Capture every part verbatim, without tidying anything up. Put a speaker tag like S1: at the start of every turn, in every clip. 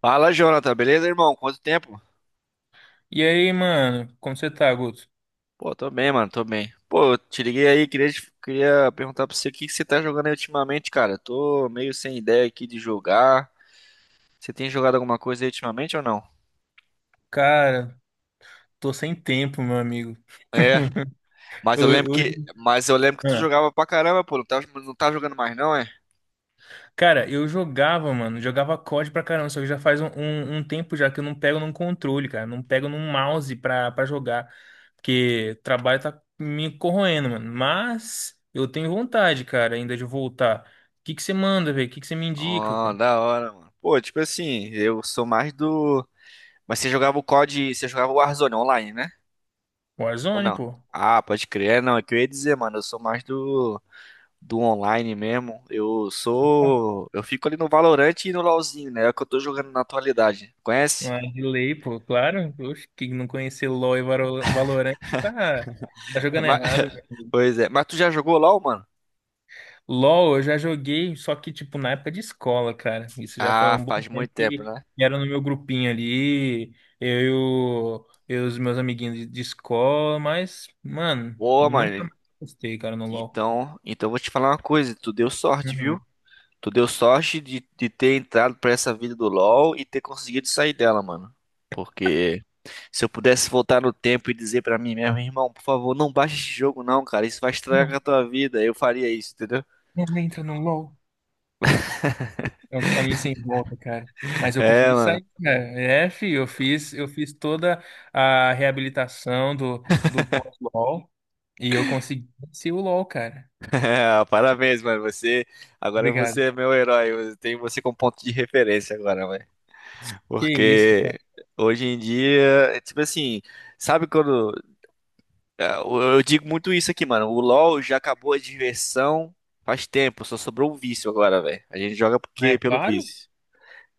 S1: Fala, Jonathan, beleza, irmão? Quanto tempo?
S2: E aí, mano, como você tá, Guto?
S1: Pô, tô bem, mano, tô bem. Pô, eu te liguei aí, queria, te- queria perguntar pra você o que que você tá jogando aí ultimamente, cara. Eu tô meio sem ideia aqui de jogar. Você tem jogado alguma coisa aí ultimamente ou não?
S2: Cara, tô sem tempo, meu amigo.
S1: É, mas eu
S2: Ho-
S1: lembro
S2: Hoje,
S1: que, mas eu lembro que tu
S2: ah,
S1: jogava pra caramba, pô. Não tá, não tá jogando mais, não, é?
S2: cara, eu jogava, mano, jogava C O D pra caramba, só que já faz um, um- um tempo já que eu não pego num controle, cara, não pego num mouse pra, pra jogar, porque o trabalho tá me corroendo, mano. Mas eu tenho vontade, cara, ainda de voltar. O que que você manda, velho? O que que você me indica,
S1: Ó,
S2: cara?
S1: da hora, mano. Pô, tipo assim, eu sou mais do. Mas você jogava o COD, você jogava o Warzone online, né? Ou
S2: Warzone,
S1: não?
S2: pô.
S1: Ah, pode crer. É, não. É que eu ia dizer, mano, eu sou mais do. do online mesmo. Eu sou. Eu fico ali no Valorant e no LoLzinho, né? É o que eu tô jogando na atualidade. Conhece?
S2: Ah, de lei, pô, claro. Oxe, quem não conhecer LoL e Valo- Valorant tá, tá jogando
S1: Mas-
S2: errado, velho.
S1: Pois é. Mas tu já jogou LoL, mano?
S2: LoL eu já joguei, só que, tipo, na época de escola, cara. Isso já faz
S1: Ah,
S2: um bom
S1: faz muito
S2: tempo
S1: tempo,
S2: que
S1: né?
S2: era no meu grupinho ali, eu e o- eu e os meus amiguinhos de, de escola, mas, mano,
S1: Boa,
S2: nunca
S1: mano.
S2: mais gostei, cara, no LoL.
S1: Então, então eu vou te falar uma coisa. Tu deu sorte,
S2: Uhum.
S1: viu? Tu deu sorte de, de ter entrado pra essa vida do LoL e ter conseguido sair dela, mano. Porque se eu pudesse voltar no tempo e dizer pra mim mesmo, irmão, por favor, não baixa esse jogo não, cara. Isso vai estragar
S2: Não,
S1: a tua vida. Eu faria isso, entendeu?
S2: não entra no LoL. É um caminho sem volta, cara. Mas eu
S1: É,
S2: consegui
S1: mano.
S2: sair, cara. É, fi, eu fiz, eu fiz toda a reabilitação do, do pós-LOL e eu consegui vencer o LOL, cara.
S1: É, parabéns, mano. Você, agora
S2: Obrigado.
S1: você é meu herói. Eu tenho você como ponto de referência agora, mano.
S2: Que isso,
S1: Porque
S2: cara.
S1: hoje em dia, é tipo assim, sabe quando é, eu eu digo muito isso aqui, mano. O LoL já acabou a diversão faz tempo, só sobrou o vício agora, velho. A gente joga
S2: Não
S1: porque
S2: é
S1: pelo
S2: claro?
S1: vício.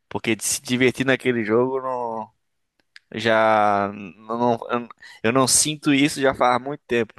S1: Porque de se divertir naquele jogo não já não, não- eu não sinto isso já faz muito tempo.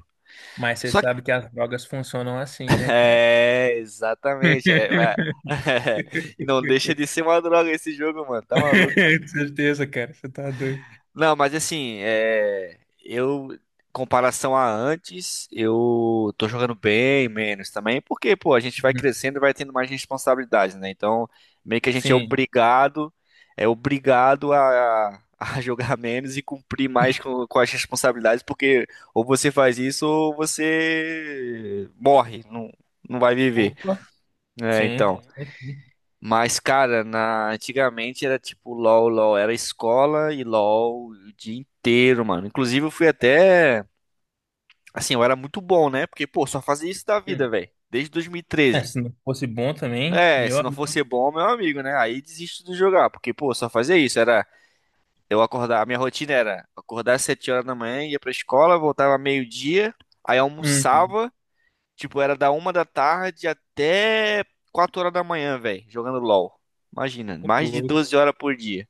S2: Mas você
S1: Só
S2: sabe que as drogas funcionam assim, né, cara?
S1: é, exatamente. É, vai- E não deixa de ser uma droga esse jogo, mano. Tá maluco?
S2: Com certeza, cara. Você tá doido.
S1: Não, mas assim, é, eu, comparação a antes, eu tô jogando bem menos também, porque, pô, a gente vai
S2: Uhum.
S1: crescendo e vai tendo mais responsabilidades, né? Então, meio que a gente é
S2: Sim.
S1: obrigado, é obrigado a, a jogar menos e cumprir mais com, com as responsabilidades, porque ou você faz isso ou você morre, não, não vai viver.
S2: Opa.
S1: É,
S2: Sim, tá
S1: então.
S2: certo.
S1: Mas, cara, na... antigamente era tipo LOL, LOL, era escola e LOL o dia inteiro, mano. Inclusive, eu fui até. Assim, eu era muito bom, né? Porque, pô, só fazia isso da vida,
S2: Hum.
S1: velho. Desde
S2: É,
S1: dois mil e treze.
S2: se não fosse bom também,
S1: É,
S2: meu
S1: se não
S2: amigo.
S1: fosse bom, meu amigo, né? Aí desisto de jogar, porque, pô, só fazia isso. Era eu acordar, a minha rotina era acordar às sete horas da manhã, ia pra escola, voltava meio-dia, aí
S2: Hum.
S1: almoçava, tipo, era da uma da tarde até quatro horas da manhã, velho, jogando LOL. Imagina,
S2: Ô,
S1: mais de
S2: louco.
S1: doze horas por dia.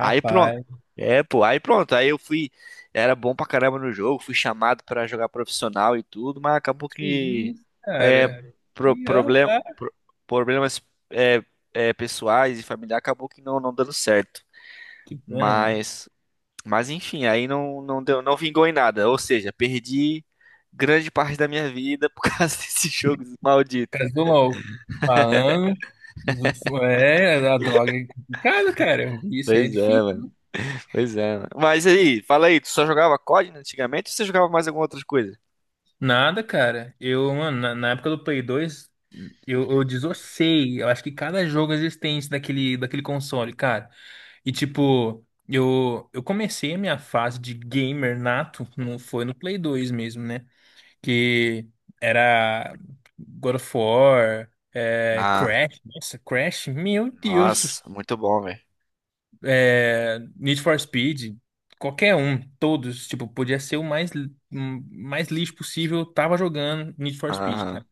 S1: Aí pronto. É, pô, aí pronto. Aí eu fui. Era bom pra caramba no jogo, fui chamado pra jogar profissional e tudo, mas acabou
S2: Que
S1: que.
S2: isso,
S1: É,
S2: cara?
S1: pro-
S2: E ah
S1: problem-
S2: lá,
S1: pro- problemas é, é, pessoais e familiares acabou que não, não, dando certo.
S2: que pena, mano.
S1: Mas. Mas enfim, aí não, não deu, não vingou em nada. Ou seja, perdi grande parte da minha vida por causa desse jogo maldito.
S2: Casou logo. Falando. É, a droga é complicado, cara. Isso é
S1: Pois é,
S2: difícil.
S1: mano. Pois é, mano. Mas aí, fala aí, tu só jogava COD, né, antigamente ou você jogava mais alguma outra coisa?
S2: Nada, cara. Eu, mano, na, na época do Play dois, eu, eu desossei. Eu acho que cada jogo existente daquele, daquele console, cara. E tipo, eu, eu comecei a minha fase de gamer nato, não foi no Play dois mesmo, né? Que era God of War, é,
S1: Ah.
S2: Crash, nossa, Crash, meu Deus,
S1: Nossa, muito bom, velho.
S2: é, Need for Speed, qualquer um, todos, tipo, podia ser o mais, li- hum, mais lixo possível, tava jogando Need for Speed,
S1: Aham.
S2: cara.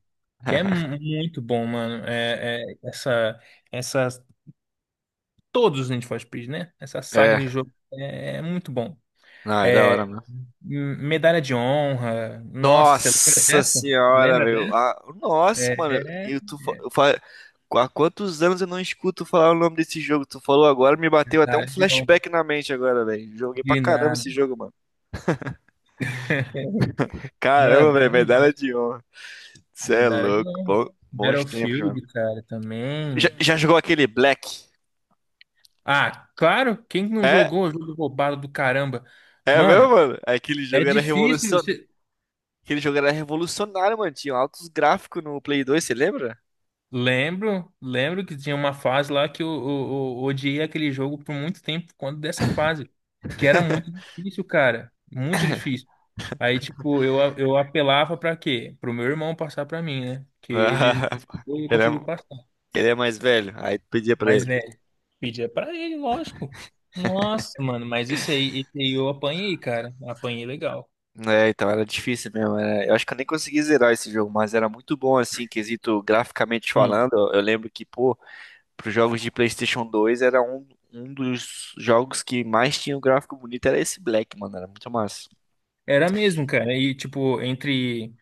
S2: Que é mu- muito bom, mano. É, é, essa, essas, todos os Need for Speed, né? Essa saga de
S1: É,
S2: jogo é, é muito bom.
S1: não, é da
S2: É,
S1: hora, mano.
S2: m- medalha de honra, nossa, você lembra
S1: Nossa
S2: dessa?
S1: senhora,
S2: Lembra
S1: velho.
S2: dessa?
S1: Ah, nossa, mano.
S2: É, é
S1: Eu, tu, fa- eu, fa- há quantos anos eu não escuto falar o nome desse jogo? Tu falou agora, me bateu
S2: Da
S1: até um
S2: área de honra.
S1: flashback na mente agora, velho. Joguei pra
S2: De
S1: caramba
S2: nada.
S1: esse jogo, mano.
S2: Não, é
S1: Caramba,
S2: bom
S1: velho, medalha
S2: demais.
S1: de honra. Cê
S2: Me
S1: é
S2: da área de
S1: louco.
S2: honra.
S1: Bom- bons tempos, mano.
S2: Battlefield, cara,
S1: Já,
S2: também.
S1: já jogou aquele Black?
S2: Ah, claro, quem que não
S1: É,
S2: jogou o jogo roubado do caramba?
S1: é mesmo,
S2: Mano,
S1: mano? Aquele
S2: é
S1: jogo era
S2: difícil,
S1: revolucionário.
S2: você...
S1: Aquele jogo era revolucionário, mano. Tinha altos gráficos no Play dois, você lembra?
S2: Lembro, lembro que tinha uma fase lá que eu, eu, eu odiei aquele jogo por muito tempo, quando dessa fase. Que era muito difícil, cara. Muito difícil. Aí, tipo, eu, a- eu apelava pra quê? Pro meu irmão passar pra mim, né? Que ele, ele
S1: Ele é,
S2: conseguiu passar.
S1: ele é mais velho, aí tu pedia pra
S2: Mas,
S1: ele.
S2: velho. Pedia pra ele, lógico. Nossa, mano, mas esse aí, esse aí eu apanhei, cara. Apanhei legal.
S1: É, então era difícil mesmo. era- Eu acho que eu nem consegui zerar esse jogo, mas era muito bom, assim, quesito graficamente
S2: Hum.
S1: falando. Eu eu lembro que, pô, pros jogos de PlayStation dois era um, um dos jogos que mais tinha um gráfico bonito, era esse Black, mano. Era muito massa.
S2: Era mesmo, cara. E, tipo, entre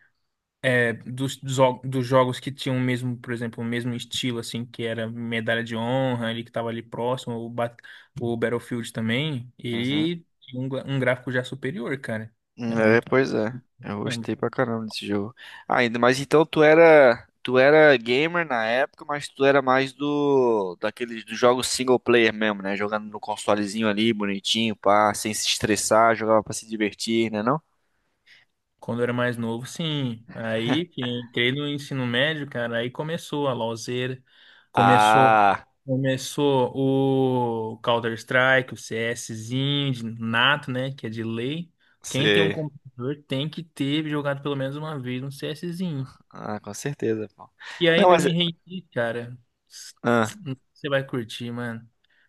S2: é, dos, dos jo- dos jogos que tinham o mesmo, por exemplo, o mesmo estilo, assim, que era medalha de honra, ali que tava ali próximo, o, Bat- o Battlefield também,
S1: Uhum.
S2: ele tinha um, gra- um gráfico já superior, cara. Era
S1: É,
S2: muito.
S1: pois é. Eu
S2: É um.
S1: gostei pra caramba desse jogo. Ah, ainda mais então tu era, tu era gamer na época, mas tu era mais do daqueles dos jogos single player mesmo, né? Jogando no consolezinho ali, bonitinho, pá, sem se estressar, jogava pra se divertir, né não?
S2: Quando eu era mais novo, sim. Aí que entrei no ensino médio, cara, aí começou a LoLzera, começou,
S1: Ah,
S2: começou o Counter-Strike, o CSzinho, de nato, né, que é de lei. Quem tem um
S1: sei.
S2: computador tem que ter jogado pelo menos uma vez um CSzinho.
S1: Ah, com certeza, pô.
S2: E
S1: Não,
S2: ainda eu
S1: mas
S2: me rendi, cara.
S1: ah,
S2: Você vai curtir, mano.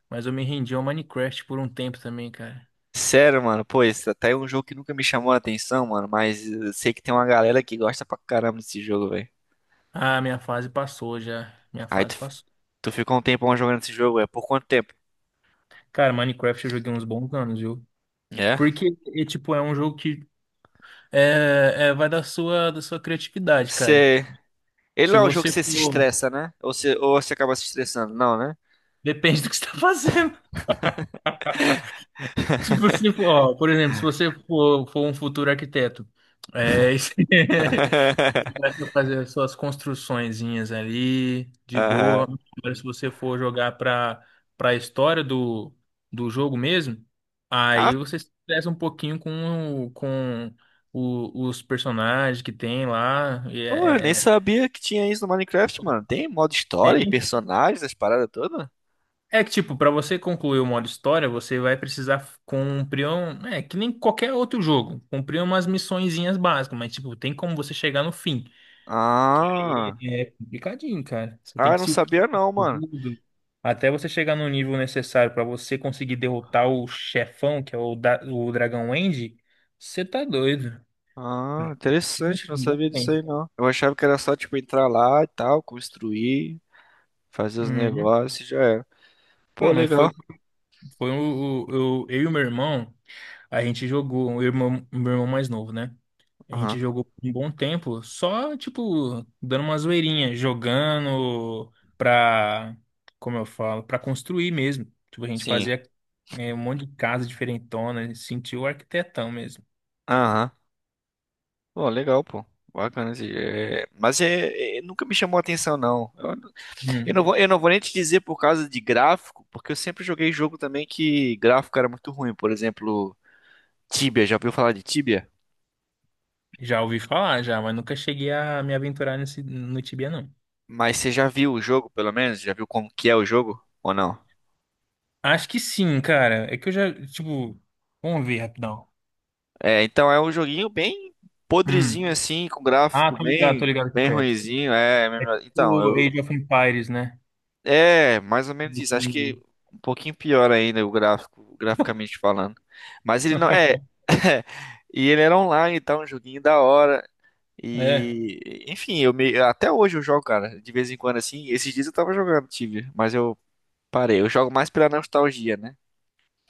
S2: Mas eu me rendi ao Minecraft por um tempo também, cara.
S1: sério, mano, pô, esse até é um jogo que nunca me chamou a atenção, mano, mas eu sei que tem uma galera que gosta pra caramba desse jogo, velho.
S2: Ah, minha fase passou já. Minha
S1: Aí
S2: fase
S1: tu,
S2: passou.
S1: tu ficou um tempão jogando esse jogo, é por quanto tempo?
S2: Cara, Minecraft eu joguei uns bons anos, viu?
S1: É.
S2: Porque, e, tipo, é um jogo que é, é- vai da sua, da sua criatividade, cara.
S1: Você. Ele
S2: Se
S1: não é um jogo que
S2: você
S1: você se
S2: for.
S1: estressa, né? Ou você, ou você acaba se estressando, não, né?
S2: Depende do que você tá fazendo. Tipo, se for, ó, por exemplo, se você for, for um futuro arquiteto, é, você começa a fazer as suas construçõezinhas ali, de boa.
S1: Aham.
S2: Agora, se você for jogar pra, pra história do, do jogo mesmo, aí
S1: Ah,
S2: você se estressa um pouquinho com, o- com o- os personagens que tem lá. E
S1: pô, eu nem
S2: é. é
S1: sabia que tinha isso no Minecraft, mano. Tem modo história e
S2: Tem.
S1: personagens, as paradas todas?
S2: É que, tipo, pra você concluir o modo história, você vai precisar cumprir um... É, que nem qualquer outro jogo. Cumprir umas missõezinhas básicas, mas, tipo, tem como você chegar no fim. Aí
S1: Ah.
S2: é complicadinho, cara. Você
S1: Ah,
S2: tem
S1: eu
S2: que
S1: não
S2: se upar
S1: sabia não, mano.
S2: tudo. Até você chegar no nível necessário pra você conseguir derrotar o chefão, que é o, da... o Dragão End, você tá doido.
S1: Ah, interessante, não
S2: Não
S1: sabia disso
S2: tem.
S1: aí não. Eu achava que era só, tipo, entrar lá e tal, construir, fazer os
S2: Uhum.
S1: negócios e já era. Pô,
S2: Não, mas foi,
S1: legal.
S2: foi o, o- eu, eu e o meu irmão, a gente jogou, o irmão, meu irmão mais novo, né? A gente
S1: Aham.
S2: jogou por um bom tempo, só, tipo, dando uma zoeirinha, jogando pra, como eu falo, pra construir mesmo. Tipo, a gente
S1: Sim.
S2: fazia, né, um monte de casa diferentona, sentiu o arquitetão mesmo.
S1: Aham. Pô, legal, pô. Bacana. Assim, é, mas é... é, nunca me chamou a atenção, não. Eu... eu não
S2: Hum,
S1: vou... eu não vou nem te dizer por causa de gráfico, porque eu sempre joguei jogo também que gráfico era muito ruim. Por exemplo, Tibia. Já ouviu falar de Tibia?
S2: já ouvi falar, já, mas nunca cheguei a me aventurar nesse, no Tibia, não.
S1: Mas você já viu o jogo, pelo menos? Já viu como que é o jogo? Ou não?
S2: Acho que sim, cara. É que eu já, tipo, vamos ver rapidão.
S1: É, então é um joguinho bem
S2: Hum.
S1: podrezinho assim, com
S2: Ah,
S1: gráfico
S2: tô ligado, tô
S1: bem,
S2: ligado com o
S1: bem
S2: Creto.
S1: ruinzinho. É,
S2: É
S1: então,
S2: tipo
S1: eu
S2: Age of Empires, né?
S1: é, mais ou menos isso. Acho que um pouquinho pior ainda o gráfico, graficamente falando. Mas ele não é. E ele era online, tá um joguinho da hora.
S2: É,
S1: E enfim, eu me... até hoje eu jogo, cara, de vez em quando assim. Esses dias eu tava jogando Tibia, mas eu parei. Eu jogo mais pela nostalgia, né?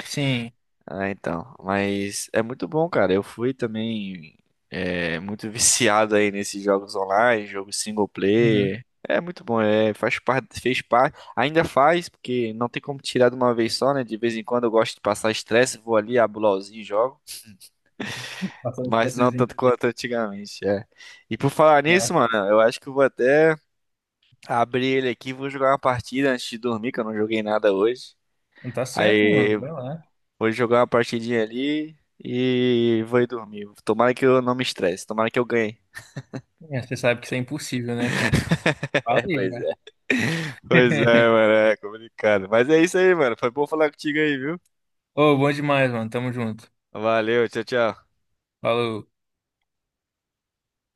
S2: sim.
S1: Ah, então. Mas é muito bom, cara. Eu fui também é, muito viciado aí nesses jogos online, jogos single
S2: Uhum.
S1: player. É muito bom, é, faz parte, fez parte, ainda faz, porque não tem como tirar de uma vez só, né? De vez em quando eu gosto de passar estresse, vou ali, abro o LOLzinho e jogo,
S2: Passando
S1: mas não
S2: expressozinho.
S1: tanto quanto antigamente, é. E por falar nisso, mano, eu acho que eu vou até abrir ele aqui, vou jogar uma partida antes de dormir, que eu não joguei nada hoje.
S2: Não tá certo, mano.
S1: Aí
S2: Vai lá.
S1: vou jogar uma partidinha ali e vou ir dormir. Tomara que eu não me estresse, tomara que eu ganhe.
S2: É, você sabe que isso é impossível, né, cara? Fala
S1: É,
S2: aí,
S1: pois
S2: já.
S1: é. Pois é, mano, é complicado. Mas é isso aí, mano. Foi bom falar contigo aí, viu?
S2: Ô, bom demais, mano. Tamo junto.
S1: Valeu, tchau, tchau.
S2: Falou.